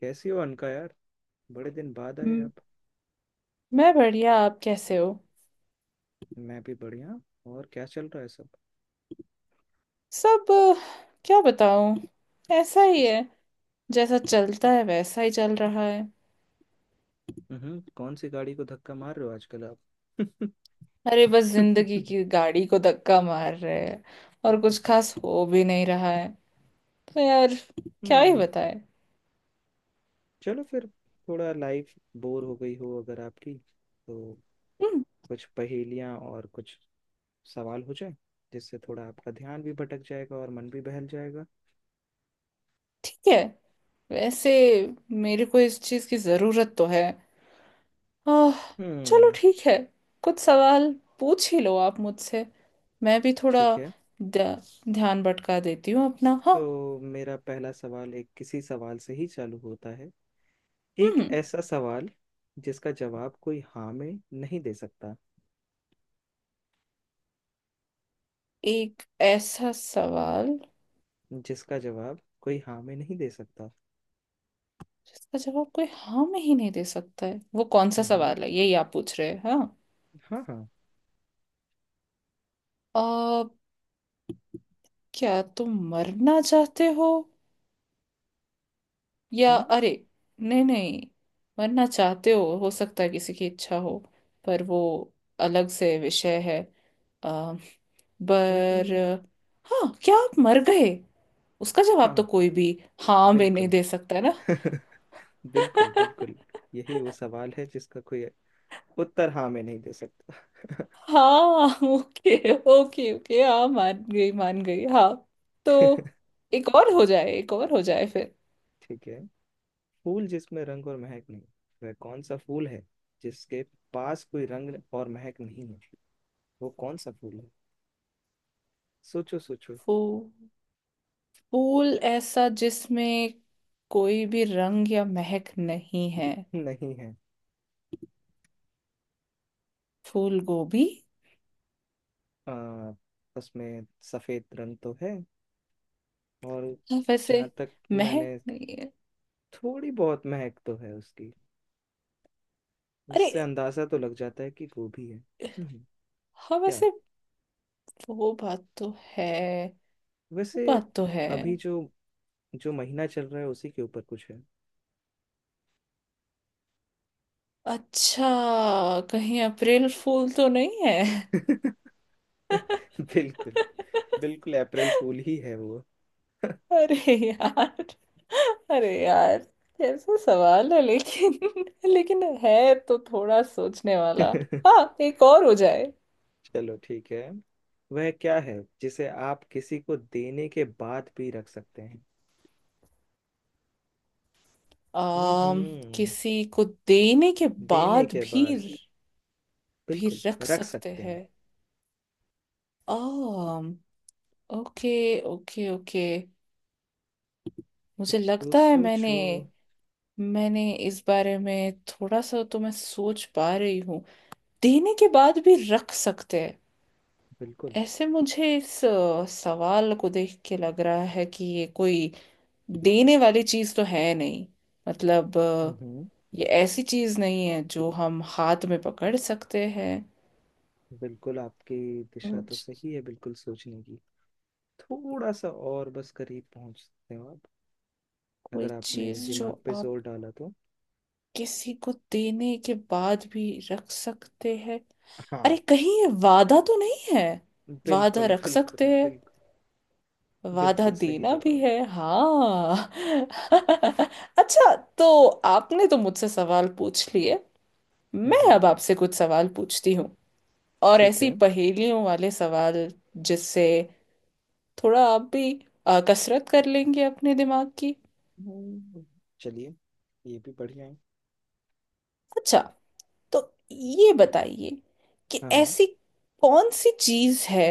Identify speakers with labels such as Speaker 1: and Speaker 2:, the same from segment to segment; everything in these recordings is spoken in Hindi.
Speaker 1: कैसी हो अनका यार। बड़े दिन बाद आए
Speaker 2: हम्म।
Speaker 1: आप।
Speaker 2: मैं बढ़िया। आप कैसे हो।
Speaker 1: मैं भी बढ़िया। और क्या चल रहा है सब।
Speaker 2: सब क्या बताऊं। ऐसा ही है, जैसा चलता है वैसा ही चल रहा है।
Speaker 1: कौन सी गाड़ी को धक्का मार रहे हो आजकल आप।
Speaker 2: अरे बस जिंदगी की गाड़ी को धक्का मार रहे हैं। और कुछ खास हो भी नहीं रहा है, तो यार क्या ही
Speaker 1: हम्म
Speaker 2: बताए।
Speaker 1: चलो फिर, थोड़ा लाइफ बोर हो गई हो अगर आपकी तो
Speaker 2: हम्म।
Speaker 1: कुछ पहेलियां और कुछ सवाल हो जाए, जिससे थोड़ा आपका ध्यान भी भटक जाएगा और मन भी बहल जाएगा।
Speaker 2: ठीक है। वैसे मेरे को इस चीज की जरूरत तो है। आह चलो
Speaker 1: हम्म,
Speaker 2: ठीक है। कुछ सवाल पूछ ही लो आप मुझसे। मैं भी थोड़ा
Speaker 1: ठीक है।
Speaker 2: ध्यान भटका देती हूँ अपना, हाँ।
Speaker 1: तो मेरा पहला सवाल एक किसी सवाल से ही चालू होता है। एक
Speaker 2: हम्म।
Speaker 1: ऐसा सवाल जिसका जवाब कोई हाँ में नहीं दे सकता।
Speaker 2: एक ऐसा सवाल
Speaker 1: जिसका जवाब कोई हाँ में नहीं दे सकता।
Speaker 2: जिसका जवाब कोई हाँ में ही नहीं दे सकता है, वो कौन सा
Speaker 1: हम्म,
Speaker 2: सवाल है, यही आप पूछ रहे हैं, हाँ।
Speaker 1: हाँ हाँ।
Speaker 2: आ, क्या तुम मरना चाहते हो? या
Speaker 1: हम्म,
Speaker 2: अरे नहीं नहीं। मरना चाहते हो सकता है किसी की इच्छा हो, पर वो अलग से विषय है। आ, पर
Speaker 1: हम्म,
Speaker 2: हाँ, क्या आप मर गए, उसका जवाब तो
Speaker 1: हाँ
Speaker 2: कोई भी हाँ में नहीं
Speaker 1: बिल्कुल।
Speaker 2: दे सकता है ना।
Speaker 1: बिल्कुल बिल्कुल। यही वो सवाल है जिसका कोई उत्तर हाँ में नहीं दे सकता।
Speaker 2: हाँ ओके ओके ओके, हाँ मान गई मान गई, हाँ। तो एक और हो जाए, एक और हो जाए फिर।
Speaker 1: ठीक है। फूल जिसमें रंग और महक नहीं, वह कौन सा फूल है? जिसके पास कोई रंग और महक नहीं है, वो कौन सा फूल है? सोचो सोचो।
Speaker 2: फूल फूल ऐसा जिसमें कोई भी रंग या महक नहीं है?
Speaker 1: नहीं है।
Speaker 2: फूल गोभी।
Speaker 1: आ, उसमें सफेद रंग तो है, और
Speaker 2: हाँ, वैसे
Speaker 1: जहाँ तक मैंने,
Speaker 2: महक नहीं है।
Speaker 1: थोड़ी बहुत महक तो है उसकी,
Speaker 2: अरे
Speaker 1: जिससे अंदाजा तो लग जाता है कि गोभी है। हम्म,
Speaker 2: हाँ,
Speaker 1: क्या?
Speaker 2: वैसे वो बात तो है, वो
Speaker 1: वैसे
Speaker 2: बात तो है।
Speaker 1: अभी जो, जो महीना चल रहा है उसी के ऊपर कुछ है।
Speaker 2: अच्छा, कहीं अप्रैल फूल तो नहीं है?
Speaker 1: बिल्कुल, बिल्कुल अप्रैल फूल ही है वो।
Speaker 2: अरे यार, अरे यार, कैसा सवाल है लेकिन लेकिन है तो थोड़ा सोचने वाला। हाँ, एक और हो जाए।
Speaker 1: चलो ठीक है। वह क्या है जिसे आप किसी को देने के बाद भी रख सकते हैं?
Speaker 2: आम।
Speaker 1: हम्म,
Speaker 2: किसी को देने के
Speaker 1: देने
Speaker 2: बाद
Speaker 1: के
Speaker 2: भी
Speaker 1: बाद,
Speaker 2: भी
Speaker 1: बिल्कुल,
Speaker 2: रख
Speaker 1: रख
Speaker 2: सकते
Speaker 1: सकते हैं।
Speaker 2: हैं। आम। ओके ओके ओके, मुझे
Speaker 1: कुछ तो
Speaker 2: लगता है मैंने
Speaker 1: सोचो।
Speaker 2: मैंने इस बारे में थोड़ा सा तो मैं सोच पा रही हूँ। देने के बाद भी रख सकते हैं।
Speaker 1: बिल्कुल।
Speaker 2: ऐसे मुझे इस सवाल को देख के लग रहा है कि ये कोई देने वाली चीज तो है नहीं। मतलब
Speaker 1: हम्म,
Speaker 2: ये ऐसी चीज नहीं है जो हम हाथ में पकड़ सकते हैं।
Speaker 1: बिल्कुल आपकी दिशा तो
Speaker 2: कुछ-
Speaker 1: सही है, बिल्कुल सोचने की। थोड़ा सा और बस करीब पहुंच सकते हो आप,
Speaker 2: कोई
Speaker 1: अगर आपने
Speaker 2: चीज जो
Speaker 1: दिमाग पे
Speaker 2: आप
Speaker 1: जोर डाला तो।
Speaker 2: किसी को देने के बाद भी रख सकते हैं। अरे,
Speaker 1: हाँ।
Speaker 2: कहीं ये वादा तो नहीं है? वादा
Speaker 1: बिल्कुल
Speaker 2: रख सकते
Speaker 1: बिल्कुल
Speaker 2: हैं,
Speaker 1: बिल्कुल।
Speaker 2: वादा
Speaker 1: बिल्कुल सही
Speaker 2: देना भी
Speaker 1: जवाब।
Speaker 2: है, हाँ अच्छा, तो आपने तो मुझसे सवाल पूछ लिए, मैं अब
Speaker 1: हम्म,
Speaker 2: आपसे कुछ सवाल पूछती हूँ। और
Speaker 1: ठीक
Speaker 2: ऐसी
Speaker 1: है।
Speaker 2: पहेलियों वाले सवाल, जिससे थोड़ा आप भी कसरत कर लेंगे अपने दिमाग की।
Speaker 1: हम्म, चलिए, ये भी बढ़िया है।
Speaker 2: अच्छा, तो ये बताइए कि
Speaker 1: हाँ हाँ।
Speaker 2: ऐसी कौन सी चीज है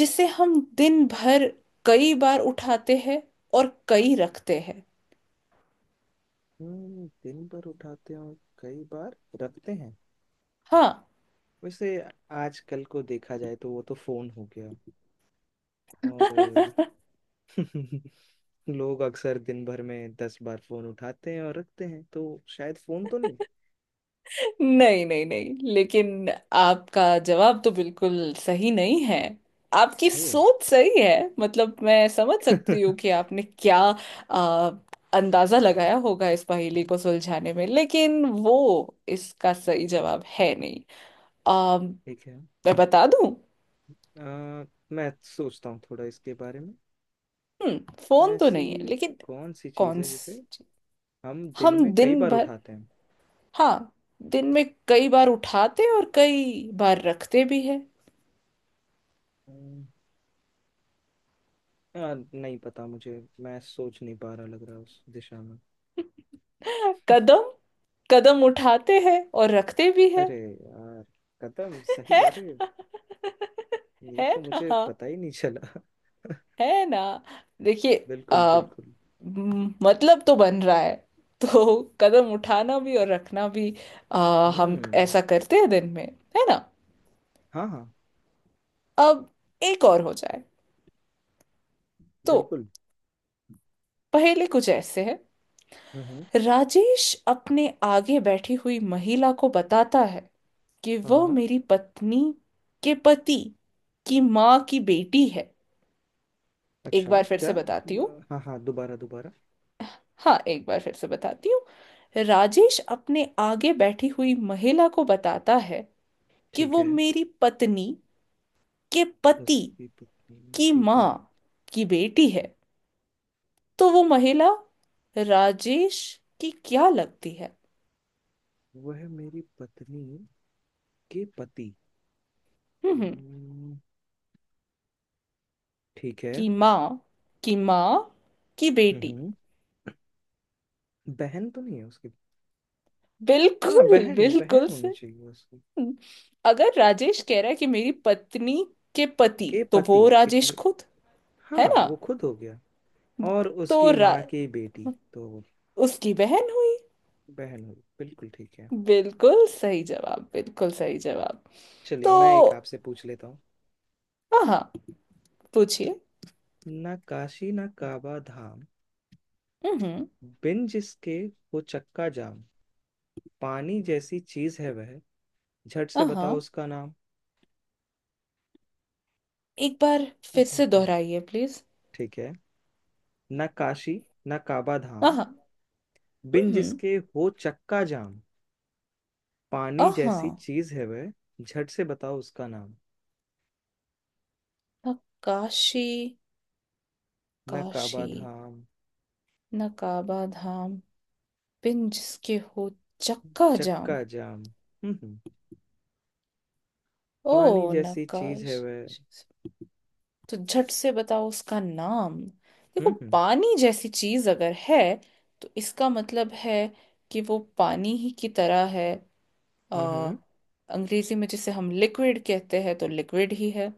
Speaker 2: जिसे हम दिन भर कई बार उठाते हैं और कई रखते हैं।
Speaker 1: दिन भर उठाते हो, कई बार रखते हैं।
Speaker 2: हाँ
Speaker 1: वैसे आजकल को देखा जाए तो वो तो फोन हो गया और लोग अक्सर दिन भर में 10 बार फोन उठाते हैं और रखते हैं, तो शायद फोन तो नहीं।
Speaker 2: नहीं नहीं नहीं, लेकिन आपका जवाब तो बिल्कुल सही नहीं है। आपकी
Speaker 1: ओ,
Speaker 2: सोच सही है। मतलब मैं समझ सकती हूँ
Speaker 1: ठीक
Speaker 2: कि आपने क्या आ, अंदाजा लगाया होगा इस पहेली को सुलझाने में, लेकिन वो इसका सही जवाब है नहीं। आ,
Speaker 1: है।
Speaker 2: मैं बता दूं।
Speaker 1: आ, मैं सोचता हूँ थोड़ा इसके बारे में।
Speaker 2: हम्म, फोन तो
Speaker 1: ऐसी
Speaker 2: नहीं है लेकिन।
Speaker 1: कौन सी चीज़
Speaker 2: कौन
Speaker 1: है जिसे
Speaker 2: स-
Speaker 1: हम दिन
Speaker 2: हम
Speaker 1: में कई
Speaker 2: दिन
Speaker 1: बार
Speaker 2: भर,
Speaker 1: उठाते हैं?
Speaker 2: हाँ, दिन में कई बार उठाते और कई बार रखते भी है।
Speaker 1: अम्म, आ, नहीं पता मुझे, मैं सोच नहीं पा रहा, लग रहा उस दिशा में।
Speaker 2: कदम। कदम उठाते हैं और रखते भी हैं,
Speaker 1: अरे यार, कदम,
Speaker 2: है
Speaker 1: सही, अरे
Speaker 2: ना?
Speaker 1: ये
Speaker 2: है
Speaker 1: तो मुझे
Speaker 2: ना?
Speaker 1: पता ही नहीं चला।
Speaker 2: है ना? देखिए,
Speaker 1: बिल्कुल बिल्कुल।
Speaker 2: मतलब तो बन रहा है। तो कदम उठाना भी और रखना भी, हम
Speaker 1: हम्म,
Speaker 2: ऐसा करते हैं दिन में, है ना?
Speaker 1: हाँ हाँ,
Speaker 2: अब एक और हो जाए। तो
Speaker 1: बिल्कुल।
Speaker 2: पहेली कुछ ऐसे है।
Speaker 1: हम्म,
Speaker 2: राजेश अपने आगे बैठी हुई महिला को बताता है कि
Speaker 1: हाँ
Speaker 2: वह
Speaker 1: हाँ।
Speaker 2: मेरी पत्नी के पति की माँ की बेटी है। एक
Speaker 1: अच्छा,
Speaker 2: बार फिर
Speaker 1: क्या?
Speaker 2: से बताती हूँ।
Speaker 1: हाँ हाँ, दोबारा दोबारा।
Speaker 2: हाँ, एक बार फिर से बताती हूँ। राजेश अपने आगे बैठी हुई महिला को बताता है कि
Speaker 1: ठीक
Speaker 2: वो
Speaker 1: है,
Speaker 2: मेरी पत्नी के पति
Speaker 1: उसकी पत्नी,
Speaker 2: की
Speaker 1: ठीक है।
Speaker 2: माँ की बेटी है। तो वो महिला राजेश की क्या लगती है?
Speaker 1: वह मेरी पत्नी के पति।
Speaker 2: हम्म,
Speaker 1: हम्म, ठीक है।
Speaker 2: की माँ, की माँ की बेटी।
Speaker 1: हम्म, बहन तो नहीं है उसकी? हाँ,
Speaker 2: बिल्कुल
Speaker 1: बहन, बहन
Speaker 2: बिल्कुल
Speaker 1: होनी
Speaker 2: से।
Speaker 1: चाहिए उसकी।
Speaker 2: अगर राजेश कह रहा है कि मेरी पत्नी के पति,
Speaker 1: के
Speaker 2: तो
Speaker 1: पति,
Speaker 2: वो
Speaker 1: इट
Speaker 2: राजेश
Speaker 1: मी,
Speaker 2: खुद है
Speaker 1: हाँ
Speaker 2: ना।
Speaker 1: वो खुद हो गया। और
Speaker 2: तो
Speaker 1: उसकी माँ की बेटी, तो
Speaker 2: उसकी बहन हुई।
Speaker 1: बहन हुई, बिल्कुल ठीक है।
Speaker 2: बिल्कुल सही जवाब, बिल्कुल सही जवाब। तो
Speaker 1: चलिए, मैं एक आपसे पूछ लेता हूँ।
Speaker 2: हाँ, पूछिए।
Speaker 1: ना काशी ना काबा धाम,
Speaker 2: हम्म।
Speaker 1: बिन जिसके हो चक्का जाम, पानी जैसी चीज है वह, झट से बताओ
Speaker 2: हाँ,
Speaker 1: उसका नाम।
Speaker 2: एक बार फिर से दोहराइए प्लीज।
Speaker 1: ठीक है। न काशी, न काबा धाम,
Speaker 2: हाँ।
Speaker 1: बिन
Speaker 2: हम्म।
Speaker 1: जिसके हो चक्का जाम, पानी जैसी
Speaker 2: हाँ।
Speaker 1: चीज है वह, झट से बताओ उसका नाम।
Speaker 2: नकाशी,
Speaker 1: न काबा
Speaker 2: काशी।
Speaker 1: धाम।
Speaker 2: नकाबा धाम। बिन जिसके हो चक्का जाम।
Speaker 1: चक्का जाम। हम्म,
Speaker 2: ओ,
Speaker 1: पानी जैसी चीज है
Speaker 2: नकाश।
Speaker 1: वह।
Speaker 2: तो झट से बताओ उसका नाम।
Speaker 1: हम्म,
Speaker 2: देखो,
Speaker 1: हम्म,
Speaker 2: पानी जैसी चीज अगर है, तो इसका मतलब है कि वो पानी ही की तरह है। अ,
Speaker 1: हम्म, हम्म।
Speaker 2: अंग्रेजी में जिसे हम लिक्विड कहते हैं, तो लिक्विड ही है।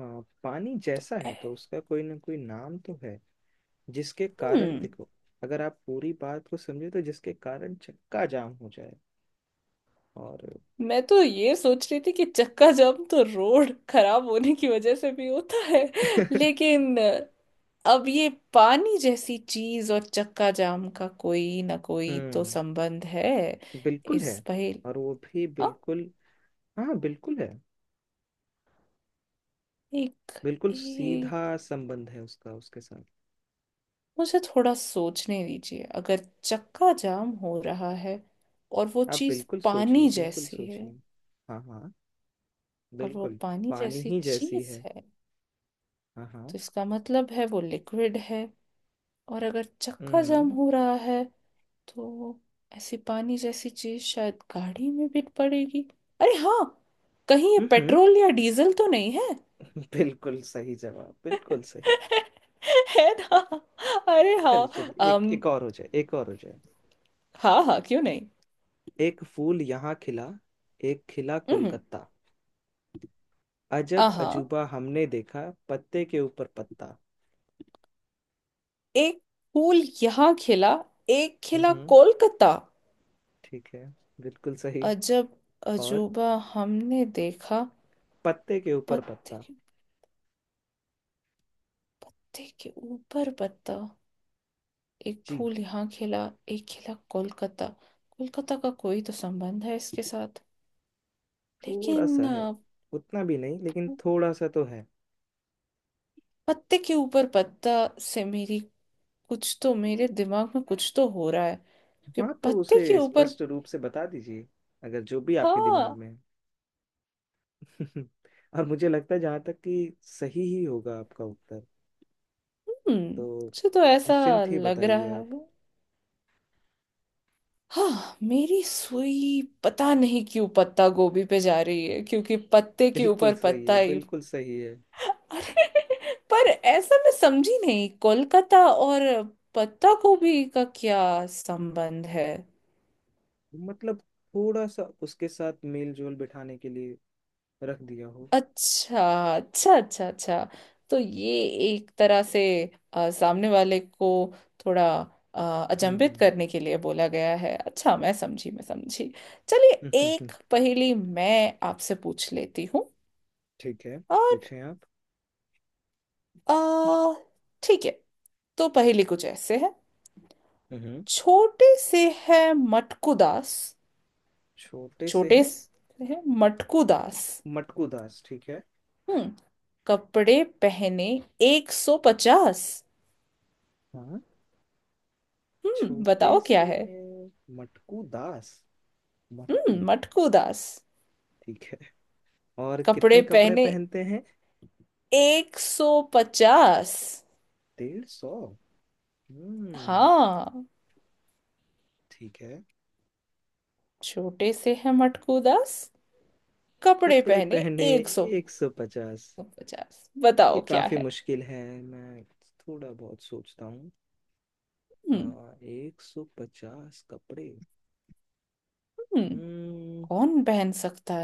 Speaker 1: हाँ, पानी जैसा है तो उसका कोई ना कोई नाम तो है, जिसके कारण,
Speaker 2: हम्म,
Speaker 1: देखो, अगर आप पूरी बात को समझे तो जिसके कारण चक्का जाम हो जाए और
Speaker 2: मैं तो ये सोच रही थी कि चक्का जाम तो रोड खराब होने की वजह से भी होता है, लेकिन। अब ये पानी जैसी चीज और चक्का जाम का कोई ना कोई तो
Speaker 1: हम्म,
Speaker 2: संबंध है।
Speaker 1: बिल्कुल है।
Speaker 2: इस पहेली।
Speaker 1: और वो भी बिल्कुल, हाँ बिल्कुल है।
Speaker 2: एक
Speaker 1: बिल्कुल
Speaker 2: एक
Speaker 1: सीधा संबंध है उसका उसके साथ।
Speaker 2: मुझे थोड़ा सोचने दीजिए। अगर चक्का जाम हो रहा है और वो
Speaker 1: आप
Speaker 2: चीज
Speaker 1: बिल्कुल सोचिए,
Speaker 2: पानी
Speaker 1: बिल्कुल
Speaker 2: जैसी है,
Speaker 1: सोचिए। हाँ हाँ,
Speaker 2: और वो
Speaker 1: बिल्कुल।
Speaker 2: पानी
Speaker 1: पानी
Speaker 2: जैसी
Speaker 1: ही जैसी
Speaker 2: चीज
Speaker 1: है।
Speaker 2: है,
Speaker 1: हाँ हाँ।
Speaker 2: तो इसका मतलब है वो लिक्विड है। और अगर चक्का जाम
Speaker 1: हम्म,
Speaker 2: हो रहा है, तो ऐसी पानी जैसी चीज शायद गाड़ी में भी पड़ेगी। अरे हाँ, कहीं ये
Speaker 1: हम्म,
Speaker 2: पेट्रोल या डीजल तो नहीं है?
Speaker 1: बिल्कुल सही जवाब, बिल्कुल सही।
Speaker 2: है ना? अरे
Speaker 1: चलिए
Speaker 2: हाँ,
Speaker 1: चलिए, एक,
Speaker 2: अम
Speaker 1: एक और हो जाए, एक और हो जाए।
Speaker 2: हाँ हाँ, क्यों नहीं।
Speaker 1: एक फूल यहाँ खिला, एक खिला
Speaker 2: हम्म।
Speaker 1: कोलकाता, अजब
Speaker 2: आहा।
Speaker 1: अजूबा हमने देखा, पत्ते के ऊपर पत्ता।
Speaker 2: एक फूल यहाँ खिला, एक खिला
Speaker 1: हम्म,
Speaker 2: कोलकाता।
Speaker 1: ठीक है, बिल्कुल सही।
Speaker 2: अजब
Speaker 1: और
Speaker 2: अजूबा हमने देखा,
Speaker 1: पत्ते के ऊपर
Speaker 2: पत्ते
Speaker 1: पत्ता।
Speaker 2: के पत्ते के ऊपर पत्ता। एक
Speaker 1: जी।
Speaker 2: फूल यहाँ खिला, एक खिला कोलकाता। कोलकाता का कोई तो संबंध है इसके साथ,
Speaker 1: थोड़ा
Speaker 2: लेकिन
Speaker 1: सा है, उतना भी नहीं लेकिन थोड़ा सा तो है।
Speaker 2: पत्ते के ऊपर पत्ता से मेरी। कुछ तो मेरे दिमाग में कुछ तो हो रहा है कि
Speaker 1: हाँ, तो
Speaker 2: पत्ते
Speaker 1: उसे
Speaker 2: के ऊपर।
Speaker 1: स्पष्ट रूप से बता दीजिए, अगर जो भी आपके दिमाग
Speaker 2: हाँ।
Speaker 1: में है। और मुझे लगता है, जहाँ तक कि सही ही होगा आपका उत्तर,
Speaker 2: हम्म,
Speaker 1: तो
Speaker 2: मुझे तो ऐसा
Speaker 1: निश्चिंत ही
Speaker 2: लग
Speaker 1: बताइए
Speaker 2: रहा
Speaker 1: आप।
Speaker 2: है। हाँ, मेरी सुई पता नहीं क्यों पत्ता गोभी पे जा रही है, क्योंकि पत्ते के
Speaker 1: बिल्कुल
Speaker 2: ऊपर
Speaker 1: सही
Speaker 2: पत्ता
Speaker 1: है,
Speaker 2: ही।
Speaker 1: बिल्कुल सही है।
Speaker 2: अरे पर ऐसा मैं समझी नहीं, कोलकाता और पत्ता गोभी का क्या संबंध है?
Speaker 1: मतलब थोड़ा सा उसके साथ मेल जोल बिठाने के लिए रख दिया हो।
Speaker 2: अच्छा अच्छा अच्छा। अच्छा, तो ये एक तरह से सामने वाले को थोड़ा
Speaker 1: हम्म,
Speaker 2: अचंभित
Speaker 1: हम्म,
Speaker 2: करने के लिए बोला गया है। अच्छा, मैं समझी, मैं समझी। चलिए,
Speaker 1: हम्म।
Speaker 2: एक पहेली मैं आपसे पूछ लेती हूँ।
Speaker 1: ठीक है,
Speaker 2: और
Speaker 1: पूछें आप।
Speaker 2: आ ठीक है। तो पहेली कुछ ऐसे है।
Speaker 1: हम्म।
Speaker 2: छोटे से है मटकू दास,
Speaker 1: छोटे से
Speaker 2: छोटे
Speaker 1: है
Speaker 2: से है मटकू दास।
Speaker 1: मटकू दास। ठीक है।
Speaker 2: हम्म, कपड़े पहने 150।
Speaker 1: हाँ।
Speaker 2: हम्म,
Speaker 1: छोटे
Speaker 2: बताओ क्या
Speaker 1: से
Speaker 2: है।
Speaker 1: हैं मटकू दास।
Speaker 2: हम्म,
Speaker 1: मटकू,
Speaker 2: मटकू दास,
Speaker 1: ठीक है। और
Speaker 2: कपड़े
Speaker 1: कितने कपड़े
Speaker 2: पहने
Speaker 1: पहनते हैं?
Speaker 2: एक सौ पचास।
Speaker 1: 150। हम्म,
Speaker 2: हाँ।
Speaker 1: ठीक है।
Speaker 2: छोटे से है मटकू दास, कपड़े
Speaker 1: कपड़े
Speaker 2: पहने
Speaker 1: पहने
Speaker 2: एक सौ
Speaker 1: 150।
Speaker 2: पचास।
Speaker 1: ये
Speaker 2: बताओ क्या
Speaker 1: काफी
Speaker 2: है।
Speaker 1: मुश्किल है, मैं थोड़ा बहुत सोचता हूँ।
Speaker 2: हम्म
Speaker 1: हाँ, 150 कपड़े।
Speaker 2: हम्म,
Speaker 1: हम्म,
Speaker 2: कौन पहन सकता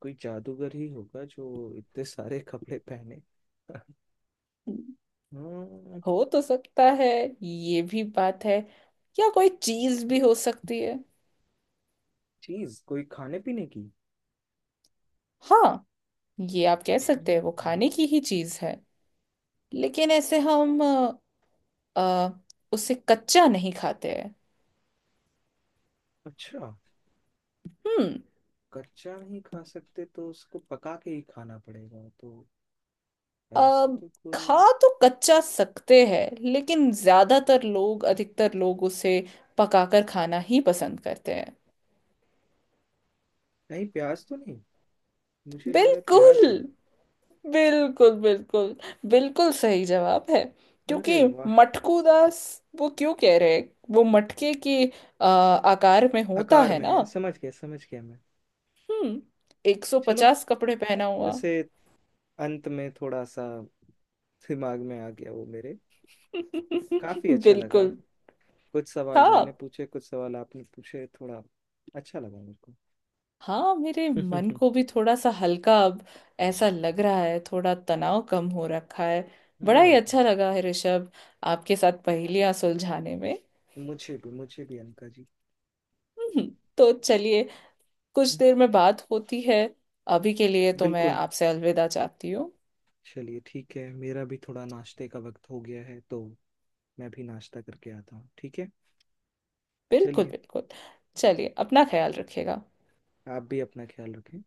Speaker 1: कोई जादूगर ही होगा जो इतने सारे कपड़े पहने।
Speaker 2: है?
Speaker 1: हम्म।
Speaker 2: हो तो सकता है, ये भी बात है, या कोई चीज भी हो सकती है।
Speaker 1: चीज कोई खाने पीने की?
Speaker 2: हाँ, ये आप कह सकते हैं, वो
Speaker 1: हम्म,
Speaker 2: खाने की ही चीज है, लेकिन ऐसे हम अ, उसे कच्चा नहीं खाते हैं।
Speaker 1: अच्छा।
Speaker 2: हम्म।
Speaker 1: कच्चा नहीं खा सकते तो उसको पका के ही खाना पड़ेगा, तो
Speaker 2: अ,
Speaker 1: ऐसा तो
Speaker 2: खा
Speaker 1: कोई,
Speaker 2: तो कच्चा सकते हैं, लेकिन ज्यादातर लोग, अधिकतर लोग उसे पकाकर खाना ही पसंद करते हैं।
Speaker 1: नहीं प्याज तो नहीं? मुझे लग रहा है प्याज
Speaker 2: बिल्कुल
Speaker 1: है।
Speaker 2: बिल्कुल बिल्कुल। बिल्कुल सही जवाब है, क्योंकि
Speaker 1: अरे वाह।
Speaker 2: मटकू दास वो क्यों कह रहे हैं? वो मटके के आकार में होता
Speaker 1: आकार
Speaker 2: है
Speaker 1: में
Speaker 2: ना।
Speaker 1: है, समझ गया मैं।
Speaker 2: हम्म।
Speaker 1: चलो,
Speaker 2: 150 कपड़े पहना हुआ
Speaker 1: वैसे अंत में थोड़ा सा दिमाग में आ गया वो मेरे। काफी अच्छा लगा।
Speaker 2: बिल्कुल।
Speaker 1: कुछ सवाल
Speaker 2: हाँ
Speaker 1: मैंने पूछे, कुछ सवाल आपने पूछे, थोड़ा अच्छा लगा मेरे को।
Speaker 2: हाँ, मेरे मन को भी थोड़ा सा हल्का अब ऐसा लग रहा है, थोड़ा तनाव कम हो रखा है। बड़ा ही
Speaker 1: हम्म,
Speaker 2: अच्छा लगा है ऋषभ, आपके साथ पहेलियां सुलझाने में।
Speaker 1: मुझे भी, मुझे भी अनका जी।
Speaker 2: हम्म, तो चलिए, कुछ देर में बात होती है। अभी के लिए तो मैं
Speaker 1: बिल्कुल।
Speaker 2: आपसे अलविदा चाहती हूँ।
Speaker 1: चलिए ठीक है, मेरा भी थोड़ा नाश्ते का वक्त हो गया है, तो मैं भी नाश्ता करके आता हूँ, ठीक है?
Speaker 2: बिल्कुल
Speaker 1: चलिए,
Speaker 2: बिल्कुल। चलिए, अपना ख्याल रखिएगा।
Speaker 1: आप भी अपना ख्याल रखें।